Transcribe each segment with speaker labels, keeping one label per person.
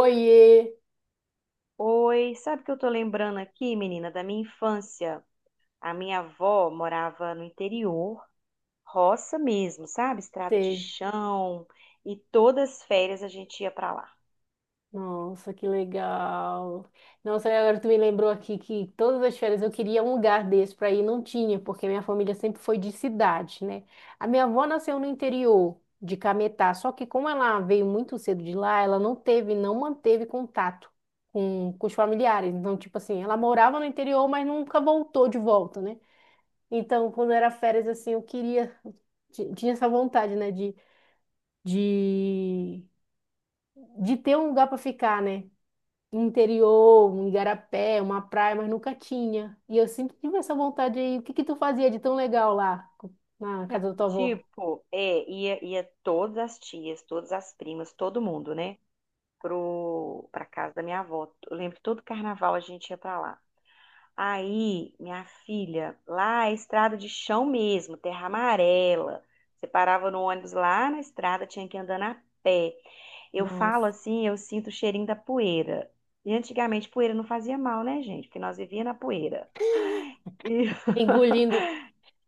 Speaker 1: Oiê!
Speaker 2: Oi, sabe o que eu tô lembrando aqui, menina, da minha infância? A minha avó morava no interior, roça mesmo, sabe? Estrada de
Speaker 1: Sei.
Speaker 2: chão, e todas as férias a gente ia pra lá.
Speaker 1: Nossa, que legal. Nossa, agora tu me lembrou aqui que todas as férias eu queria um lugar desse para ir, não tinha, porque minha família sempre foi de cidade, né? A minha avó nasceu no interior de Cametá, só que como ela veio muito cedo de lá, ela não teve, não manteve contato com os familiares. Então, tipo assim, ela morava no interior, mas nunca voltou de volta, né? Então, quando era férias, assim, eu queria, tinha essa vontade, né, de de ter um lugar para ficar, né? Interior, um igarapé, uma praia, mas nunca tinha. E eu sempre tive essa vontade aí. O que que tu fazia de tão legal lá na
Speaker 2: Ah,
Speaker 1: casa da tua avó?
Speaker 2: Tipo, é, ia, ia todas as tias, todas as primas, todo mundo, né? Pra casa da minha avó. Eu lembro que todo carnaval a gente ia pra lá. Aí, minha filha, lá é estrada de chão mesmo, terra amarela. Você parava no ônibus lá na estrada, tinha que andar a pé. Eu falo
Speaker 1: Nossa.
Speaker 2: assim, eu sinto o cheirinho da poeira. E antigamente poeira não fazia mal, né, gente? Porque nós vivíamos na poeira. E
Speaker 1: Engolindo,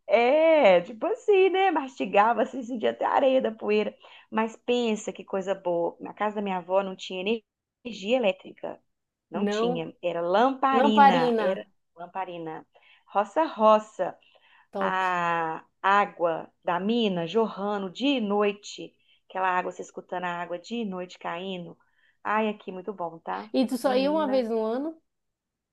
Speaker 2: É, tipo assim, né? Mastigava, assim, sentia até a areia da poeira. Mas pensa que coisa boa. Na casa da minha avó não tinha energia elétrica. Não
Speaker 1: não.
Speaker 2: tinha. Era lamparina. Era
Speaker 1: Lamparina,
Speaker 2: lamparina. Roça-roça.
Speaker 1: top.
Speaker 2: A água da mina jorrando de noite. Aquela água, você escutando a água de noite caindo. Ai, aqui, muito bom, tá?
Speaker 1: E tu só ia uma vez
Speaker 2: Menina.
Speaker 1: no ano,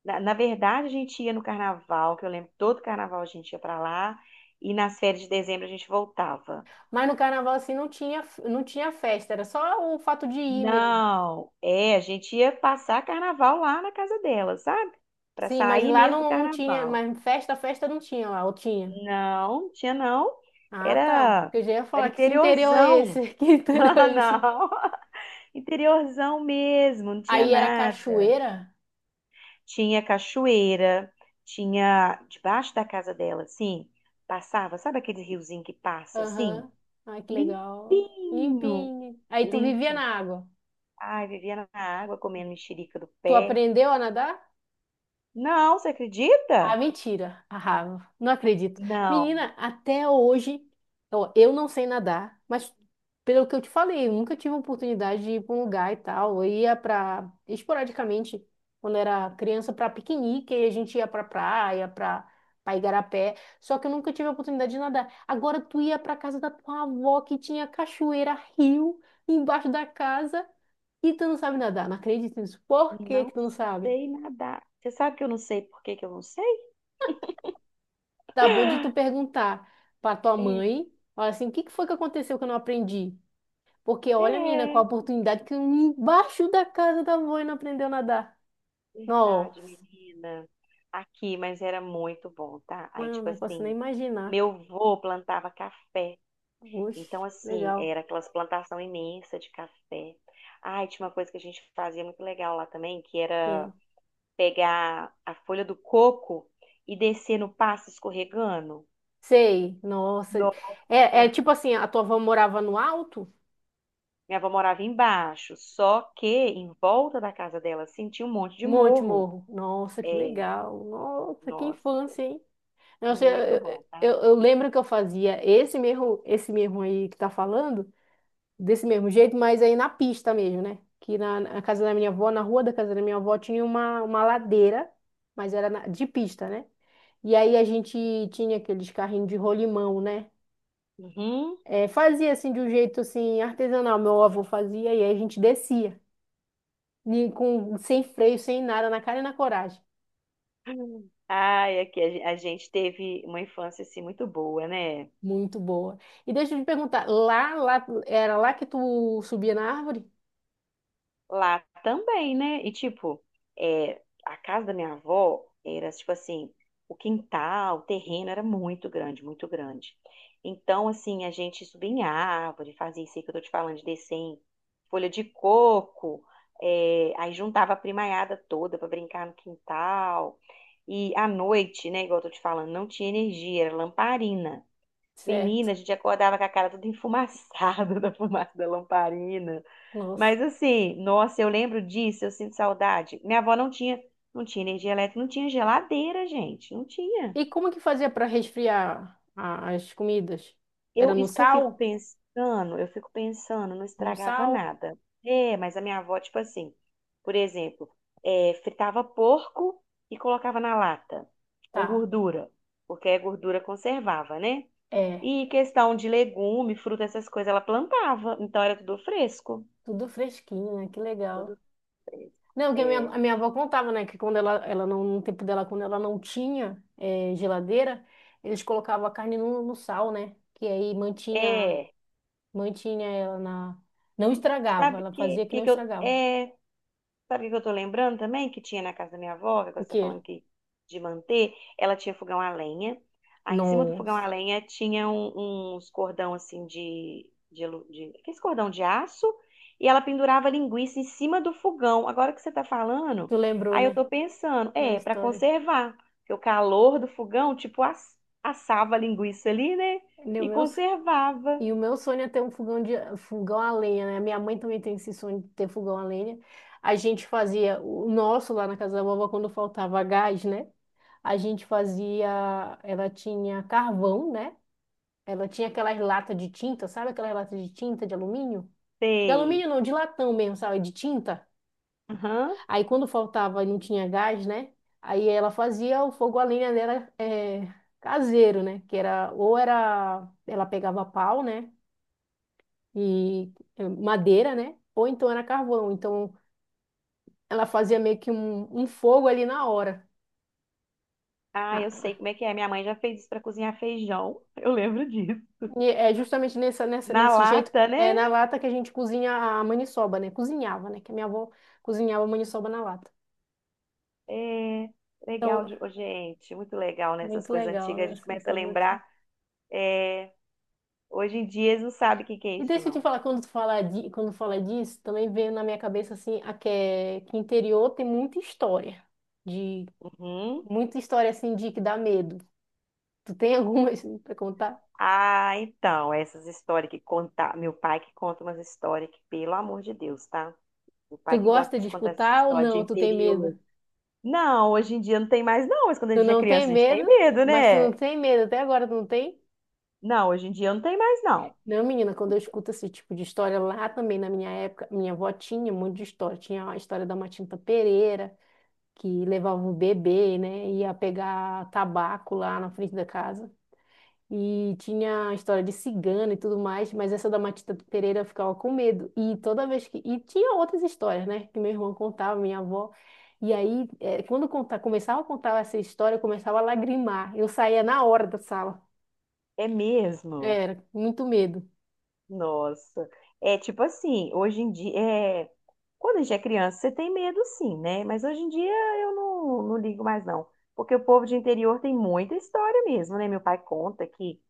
Speaker 2: Na verdade, a gente ia no carnaval, que eu lembro que todo carnaval a gente ia pra lá, e nas férias de dezembro a gente voltava.
Speaker 1: mas no carnaval assim não tinha, não tinha festa, era só o fato de ir mesmo.
Speaker 2: Não, é, a gente ia passar carnaval lá na casa dela, sabe? Pra
Speaker 1: Sim, mas
Speaker 2: sair
Speaker 1: lá
Speaker 2: mesmo do
Speaker 1: não, não tinha,
Speaker 2: carnaval.
Speaker 1: mas festa, festa não tinha lá, ou tinha.
Speaker 2: Não, tinha não.
Speaker 1: Ah, tá.
Speaker 2: Era,
Speaker 1: Porque eu já ia
Speaker 2: era
Speaker 1: falar que esse interior é
Speaker 2: interiorzão.
Speaker 1: esse, que interior
Speaker 2: Ah,
Speaker 1: é esse?
Speaker 2: não, interiorzão mesmo, não tinha
Speaker 1: Aí era
Speaker 2: nada.
Speaker 1: cachoeira?
Speaker 2: Tinha cachoeira, tinha debaixo da casa dela, assim, passava, sabe aquele riozinho que passa assim?
Speaker 1: Aham. Ai, que legal.
Speaker 2: Limpinho.
Speaker 1: Limpinho. Aí tu vivia
Speaker 2: Limpinho.
Speaker 1: na água.
Speaker 2: Ai, vivia na água comendo mexerica do
Speaker 1: Tu
Speaker 2: pé.
Speaker 1: aprendeu a nadar?
Speaker 2: Não, você
Speaker 1: Ah,
Speaker 2: acredita?
Speaker 1: mentira. Ah, não acredito.
Speaker 2: Não,
Speaker 1: Menina, até hoje, ó, eu não sei nadar, mas pelo que eu te falei, eu nunca tive oportunidade de ir para um lugar e tal. Eu ia para, esporadicamente, quando era criança, para piquenique, e a gente ia para praia, para igarapé. Só que eu nunca tive a oportunidade de nadar. Agora tu ia para casa da tua avó que tinha cachoeira, rio embaixo da casa e tu não sabe nadar. Não acredito nisso. Por que
Speaker 2: não
Speaker 1: que tu não sabe?
Speaker 2: sei nadar. Você sabe que eu não sei por que que eu não sei?
Speaker 1: Tá bom de tu perguntar pra tua
Speaker 2: É,
Speaker 1: mãe, olha assim, o que que foi que aconteceu que eu não aprendi? Porque olha, menina, com
Speaker 2: é,
Speaker 1: a oportunidade que eu embaixo da casa da avó e não aprendeu a nadar.
Speaker 2: verdade,
Speaker 1: Nossa,
Speaker 2: menina. Aqui, mas era muito bom, tá? Aí,
Speaker 1: não,
Speaker 2: tipo
Speaker 1: não posso nem
Speaker 2: assim,
Speaker 1: imaginar.
Speaker 2: meu vô plantava café.
Speaker 1: Oxe,
Speaker 2: Então, assim,
Speaker 1: legal.
Speaker 2: era aquelas plantação imensa de café. Ai, tinha uma coisa que a gente fazia muito legal lá também, que era
Speaker 1: É.
Speaker 2: pegar a folha do coco e descer no passo escorregando.
Speaker 1: Sei, nossa.
Speaker 2: Nossa.
Speaker 1: É, é tipo assim, a tua avó morava no alto?
Speaker 2: Minha avó morava embaixo, só que em volta da casa dela sentia um monte de
Speaker 1: Monte
Speaker 2: morro.
Speaker 1: Morro. Nossa, que
Speaker 2: É,
Speaker 1: legal. Nossa, que
Speaker 2: nossa,
Speaker 1: infância, hein? Nossa, eu,
Speaker 2: muito
Speaker 1: eu,
Speaker 2: bom, tá?
Speaker 1: eu- eu lembro que eu fazia esse mesmo aí que tá falando, desse mesmo jeito, mas aí na pista mesmo, né? Que na casa da minha avó, na rua da casa da minha avó, tinha uma ladeira, mas era de pista, né? E aí a gente tinha aqueles carrinhos de rolimão, né?
Speaker 2: Uhum.
Speaker 1: É, fazia assim de um jeito assim artesanal, meu avô fazia, e aí a gente descia, com, sem freio, sem nada, na cara e na coragem.
Speaker 2: Ai, aqui a a gente teve uma infância assim muito boa, né?
Speaker 1: Muito boa. E deixa eu te perguntar, lá, era lá que tu subia na árvore?
Speaker 2: Lá também, né? E tipo, é, a casa da minha avó era tipo assim, o quintal, o terreno era muito grande, muito grande. Então, assim, a gente subia em árvore, fazia isso aí que eu tô te falando, de descer em folha de coco, é, aí juntava a primaiada toda para brincar no quintal. E à noite, né, igual eu tô te falando, não tinha energia, era lamparina.
Speaker 1: Certo.
Speaker 2: Menina, a gente acordava com a cara toda enfumaçada da fumaça da lamparina.
Speaker 1: Nossa.
Speaker 2: Mas assim, nossa, eu lembro disso, eu sinto saudade. Minha avó não tinha, não tinha energia elétrica, não tinha geladeira, gente, não tinha.
Speaker 1: E como que fazia para resfriar as comidas? Era
Speaker 2: Eu,
Speaker 1: no
Speaker 2: isso que
Speaker 1: sal?
Speaker 2: eu fico pensando, não
Speaker 1: No
Speaker 2: estragava
Speaker 1: sal?
Speaker 2: nada. É, mas a minha avó, tipo assim, por exemplo, é, fritava porco e colocava na lata, com
Speaker 1: Tá.
Speaker 2: gordura, porque a gordura conservava, né?
Speaker 1: É,
Speaker 2: E questão de legume, fruta, essas coisas, ela plantava. Então era tudo fresco.
Speaker 1: tudo fresquinho, né? Que legal.
Speaker 2: Tudo fresco.
Speaker 1: Não, porque a minha,
Speaker 2: É,
Speaker 1: a minha avó contava, né? Que quando ela não, no tempo dela, quando ela não tinha geladeira, eles colocavam a carne no sal, né? Que aí mantinha,
Speaker 2: é.
Speaker 1: mantinha ela na. Não estragava,
Speaker 2: Sabe o
Speaker 1: ela
Speaker 2: que,
Speaker 1: fazia que
Speaker 2: que,
Speaker 1: não
Speaker 2: que eu.
Speaker 1: estragava.
Speaker 2: É, Sabe o que que eu tô lembrando também? Que tinha na casa da minha avó, que agora
Speaker 1: O
Speaker 2: você tá
Speaker 1: quê?
Speaker 2: falando que de manter, ela tinha fogão a lenha. Aí em cima do fogão a
Speaker 1: Nossa,
Speaker 2: lenha tinha uns cordão assim de Aqueles cordão de aço. E ela pendurava linguiça em cima do fogão. Agora que você tá falando,
Speaker 1: tu lembrou,
Speaker 2: aí eu
Speaker 1: né?
Speaker 2: tô pensando,
Speaker 1: Na
Speaker 2: é, pra
Speaker 1: história.
Speaker 2: conservar. Porque o calor do fogão, tipo, assava a linguiça ali, né?
Speaker 1: Meu
Speaker 2: E
Speaker 1: Deus.
Speaker 2: conservava.
Speaker 1: E o meu sonho é ter um fogão de fogão a lenha, né? Minha mãe também tem esse sonho de ter fogão a lenha. A gente fazia o nosso lá na casa da vovó quando faltava gás, né? A gente fazia, ela tinha carvão, né? Ela tinha aquelas latas de tinta, sabe aquelas latas de tinta de alumínio? De
Speaker 2: Sei.
Speaker 1: alumínio não, de latão mesmo, sabe? De tinta.
Speaker 2: Aham.
Speaker 1: Aí quando faltava e não tinha gás, né? Aí ela fazia o fogo a lenha dela, é, caseiro, né? Que era, ou era ela pegava pau, né? E é, madeira, né? Ou então era carvão. Então ela fazia meio que um fogo ali na hora.
Speaker 2: Ah, eu sei
Speaker 1: Ah,
Speaker 2: como é que é. Minha mãe já fez isso para cozinhar feijão. Eu lembro disso.
Speaker 1: e é justamente
Speaker 2: Na
Speaker 1: nesse jeito,
Speaker 2: lata,
Speaker 1: é
Speaker 2: né?
Speaker 1: na lata que a gente cozinha a maniçoba, né? Cozinhava, né? Que a minha avó cozinhava a maniçoba na lata.
Speaker 2: É legal
Speaker 1: Então,
Speaker 2: de... Ô, gente, muito legal, né? Essas
Speaker 1: muito
Speaker 2: coisas
Speaker 1: legal,
Speaker 2: antigas. A
Speaker 1: né?
Speaker 2: gente
Speaker 1: Essa
Speaker 2: começa a
Speaker 1: coisa de...
Speaker 2: lembrar. Hoje em dia eles não sabem o que que é
Speaker 1: E
Speaker 2: isso,
Speaker 1: deixa eu te
Speaker 2: não.
Speaker 1: falar, quando tu fala, quando fala disso, também veio na minha cabeça, assim, a que, que interior tem muita história. De,
Speaker 2: Uhum.
Speaker 1: muita história, assim, de que dá medo. Tu tem alguma, assim, pra contar?
Speaker 2: Ah, então, essas histórias que conta. Meu pai que conta umas histórias que, pelo amor de Deus, tá? Meu
Speaker 1: Tu
Speaker 2: pai que gosta
Speaker 1: gosta de
Speaker 2: de contar essas
Speaker 1: escutar ou
Speaker 2: histórias de
Speaker 1: não? Tu tem
Speaker 2: interior.
Speaker 1: medo?
Speaker 2: Não, hoje em dia não tem mais, não. Mas quando a
Speaker 1: Tu
Speaker 2: gente é
Speaker 1: não tem
Speaker 2: criança, a gente
Speaker 1: medo,
Speaker 2: tem medo,
Speaker 1: mas tu
Speaker 2: né?
Speaker 1: não tem medo. Até agora tu não tem?
Speaker 2: Não, hoje em dia não tem mais, não.
Speaker 1: Não, menina, quando eu escuto esse tipo de história lá também, na minha época, minha avó tinha um monte de história. Tinha a história da Matinta Pereira, que levava o bebê, né? Ia pegar tabaco lá na frente da casa. E tinha a história de cigana e tudo mais, mas essa da Matita Pereira eu ficava com medo. E toda vez que... E tinha outras histórias, né? Que meu irmão contava, minha avó. E aí, quando começava a contar essa história, eu começava a lagrimar. Eu saía na hora da sala.
Speaker 2: É mesmo?
Speaker 1: Era, muito medo.
Speaker 2: Nossa. É tipo assim, hoje em dia, é, quando a gente é criança, você tem medo sim, né? Mas hoje em dia eu não, não ligo mais não. Porque o povo de interior tem muita história mesmo, né? Meu pai conta que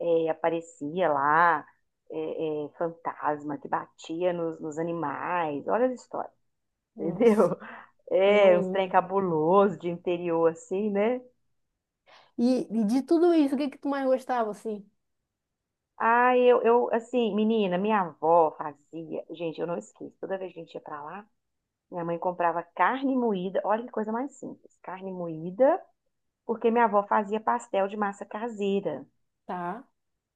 Speaker 2: é, aparecia lá é, fantasma que batia nos animais. Olha as histórias,
Speaker 1: Nossa,
Speaker 2: entendeu?
Speaker 1: não,
Speaker 2: É, uns trem
Speaker 1: não.
Speaker 2: cabuloso de interior assim, né?
Speaker 1: E de tudo isso, o que que tu mais gostava, assim?
Speaker 2: Assim, menina, minha avó fazia. Gente, eu não esqueço. Toda vez que a gente ia pra lá, minha mãe comprava carne moída, olha que coisa mais simples, carne moída, porque minha avó fazia pastel de massa caseira.
Speaker 1: Tá.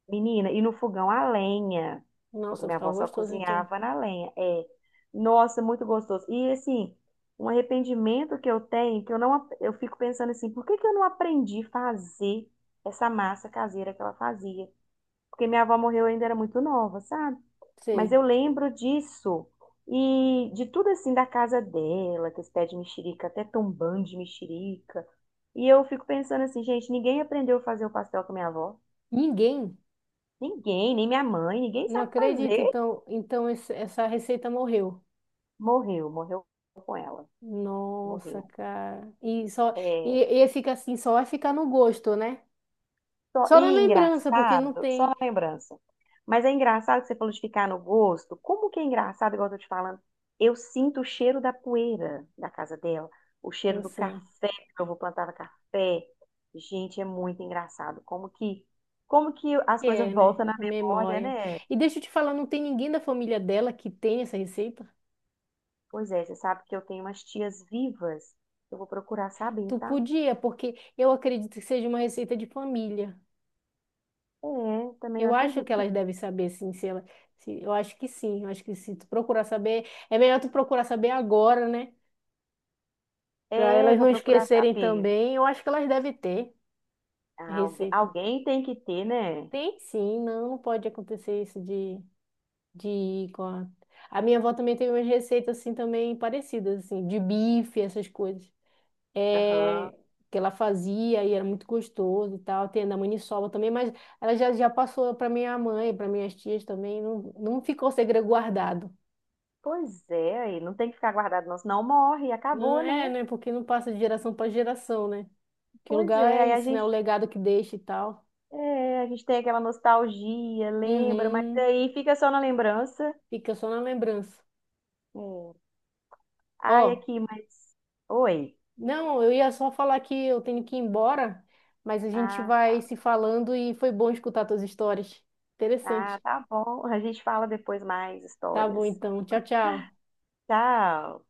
Speaker 2: Menina, e no fogão a lenha, porque
Speaker 1: Nossa,
Speaker 2: minha avó
Speaker 1: ficava
Speaker 2: só
Speaker 1: gostoso, então.
Speaker 2: cozinhava na lenha. É, nossa, muito gostoso. E assim, um arrependimento que eu tenho, que eu não, eu fico pensando assim, por que que eu não aprendi a fazer essa massa caseira que ela fazia? Porque minha avó morreu, eu ainda era muito nova, sabe? Mas
Speaker 1: Sei.
Speaker 2: eu lembro disso e de tudo assim da casa dela, que esse pé de mexerica, até tombando de mexerica. E eu fico pensando assim, gente, ninguém aprendeu a fazer o pastel com a minha avó.
Speaker 1: Ninguém.
Speaker 2: Ninguém, nem minha mãe, ninguém
Speaker 1: Não
Speaker 2: sabe
Speaker 1: acredito,
Speaker 2: fazer.
Speaker 1: então, então essa receita morreu.
Speaker 2: Morreu, morreu com ela,
Speaker 1: Nossa,
Speaker 2: morreu.
Speaker 1: cara. E só,
Speaker 2: É,
Speaker 1: e fica assim, só vai ficar no gosto, né?
Speaker 2: só, e
Speaker 1: Só na lembrança, porque não
Speaker 2: engraçado, só uma
Speaker 1: tem,
Speaker 2: lembrança. Mas é engraçado que você falou de ficar no gosto. Como que é engraçado, igual eu tô te falando, eu sinto o cheiro da poeira da casa dela, o cheiro
Speaker 1: eu
Speaker 2: do
Speaker 1: sei.
Speaker 2: café, que eu vou plantava café. Gente, é muito engraçado. Como que as
Speaker 1: Que
Speaker 2: coisas
Speaker 1: é, né?
Speaker 2: voltam na
Speaker 1: A
Speaker 2: memória,
Speaker 1: memória.
Speaker 2: né?
Speaker 1: E deixa eu te falar, não tem ninguém da família dela que tem essa receita?
Speaker 2: Pois é, você sabe que eu tenho umas tias vivas. Eu vou procurar saber,
Speaker 1: Tu
Speaker 2: tá?
Speaker 1: podia, porque eu acredito que seja uma receita de família.
Speaker 2: É, também eu
Speaker 1: Eu acho
Speaker 2: acredito
Speaker 1: que
Speaker 2: que.
Speaker 1: elas devem saber, sim, se ela, se, eu acho que sim, eu acho que se tu procurar saber, é melhor tu procurar saber agora, né? Para
Speaker 2: É,
Speaker 1: elas
Speaker 2: vou
Speaker 1: não
Speaker 2: procurar
Speaker 1: esquecerem
Speaker 2: saber.
Speaker 1: também. Eu acho que elas devem ter a
Speaker 2: Ah, alguém,
Speaker 1: receita.
Speaker 2: alguém tem que ter, né?
Speaker 1: Tem sim, não, não pode acontecer isso de ir com a... A minha avó também tem umas receitas assim também parecidas, assim, de bife, essas coisas.
Speaker 2: Aham.
Speaker 1: É, que ela fazia e era muito gostoso e tal. Tem a da maniçoba também, mas ela já, já passou para minha mãe, para minhas tias também, não, não ficou segredo guardado.
Speaker 2: Pois é, aí não tem que ficar guardado, não, senão morre,
Speaker 1: Não
Speaker 2: acabou,
Speaker 1: é,
Speaker 2: né?
Speaker 1: né? Porque não passa de geração para geração, né? Que
Speaker 2: Pois
Speaker 1: lugar
Speaker 2: é,
Speaker 1: é
Speaker 2: aí a
Speaker 1: isso, né? O
Speaker 2: gente,
Speaker 1: legado que deixa e tal.
Speaker 2: é, a gente tem aquela nostalgia, lembra, mas
Speaker 1: Uhum.
Speaker 2: aí fica só na lembrança.
Speaker 1: Fica só na lembrança.
Speaker 2: É. Ai,
Speaker 1: Ó,
Speaker 2: aqui, mas. Oi.
Speaker 1: não, eu ia só falar que eu tenho que ir embora, mas a gente
Speaker 2: Ah, tá,
Speaker 1: vai se falando e foi bom escutar tuas histórias.
Speaker 2: ah,
Speaker 1: Interessante.
Speaker 2: tá bom. A gente fala depois mais
Speaker 1: Tá bom,
Speaker 2: histórias.
Speaker 1: então. Tchau, tchau.
Speaker 2: Tchau.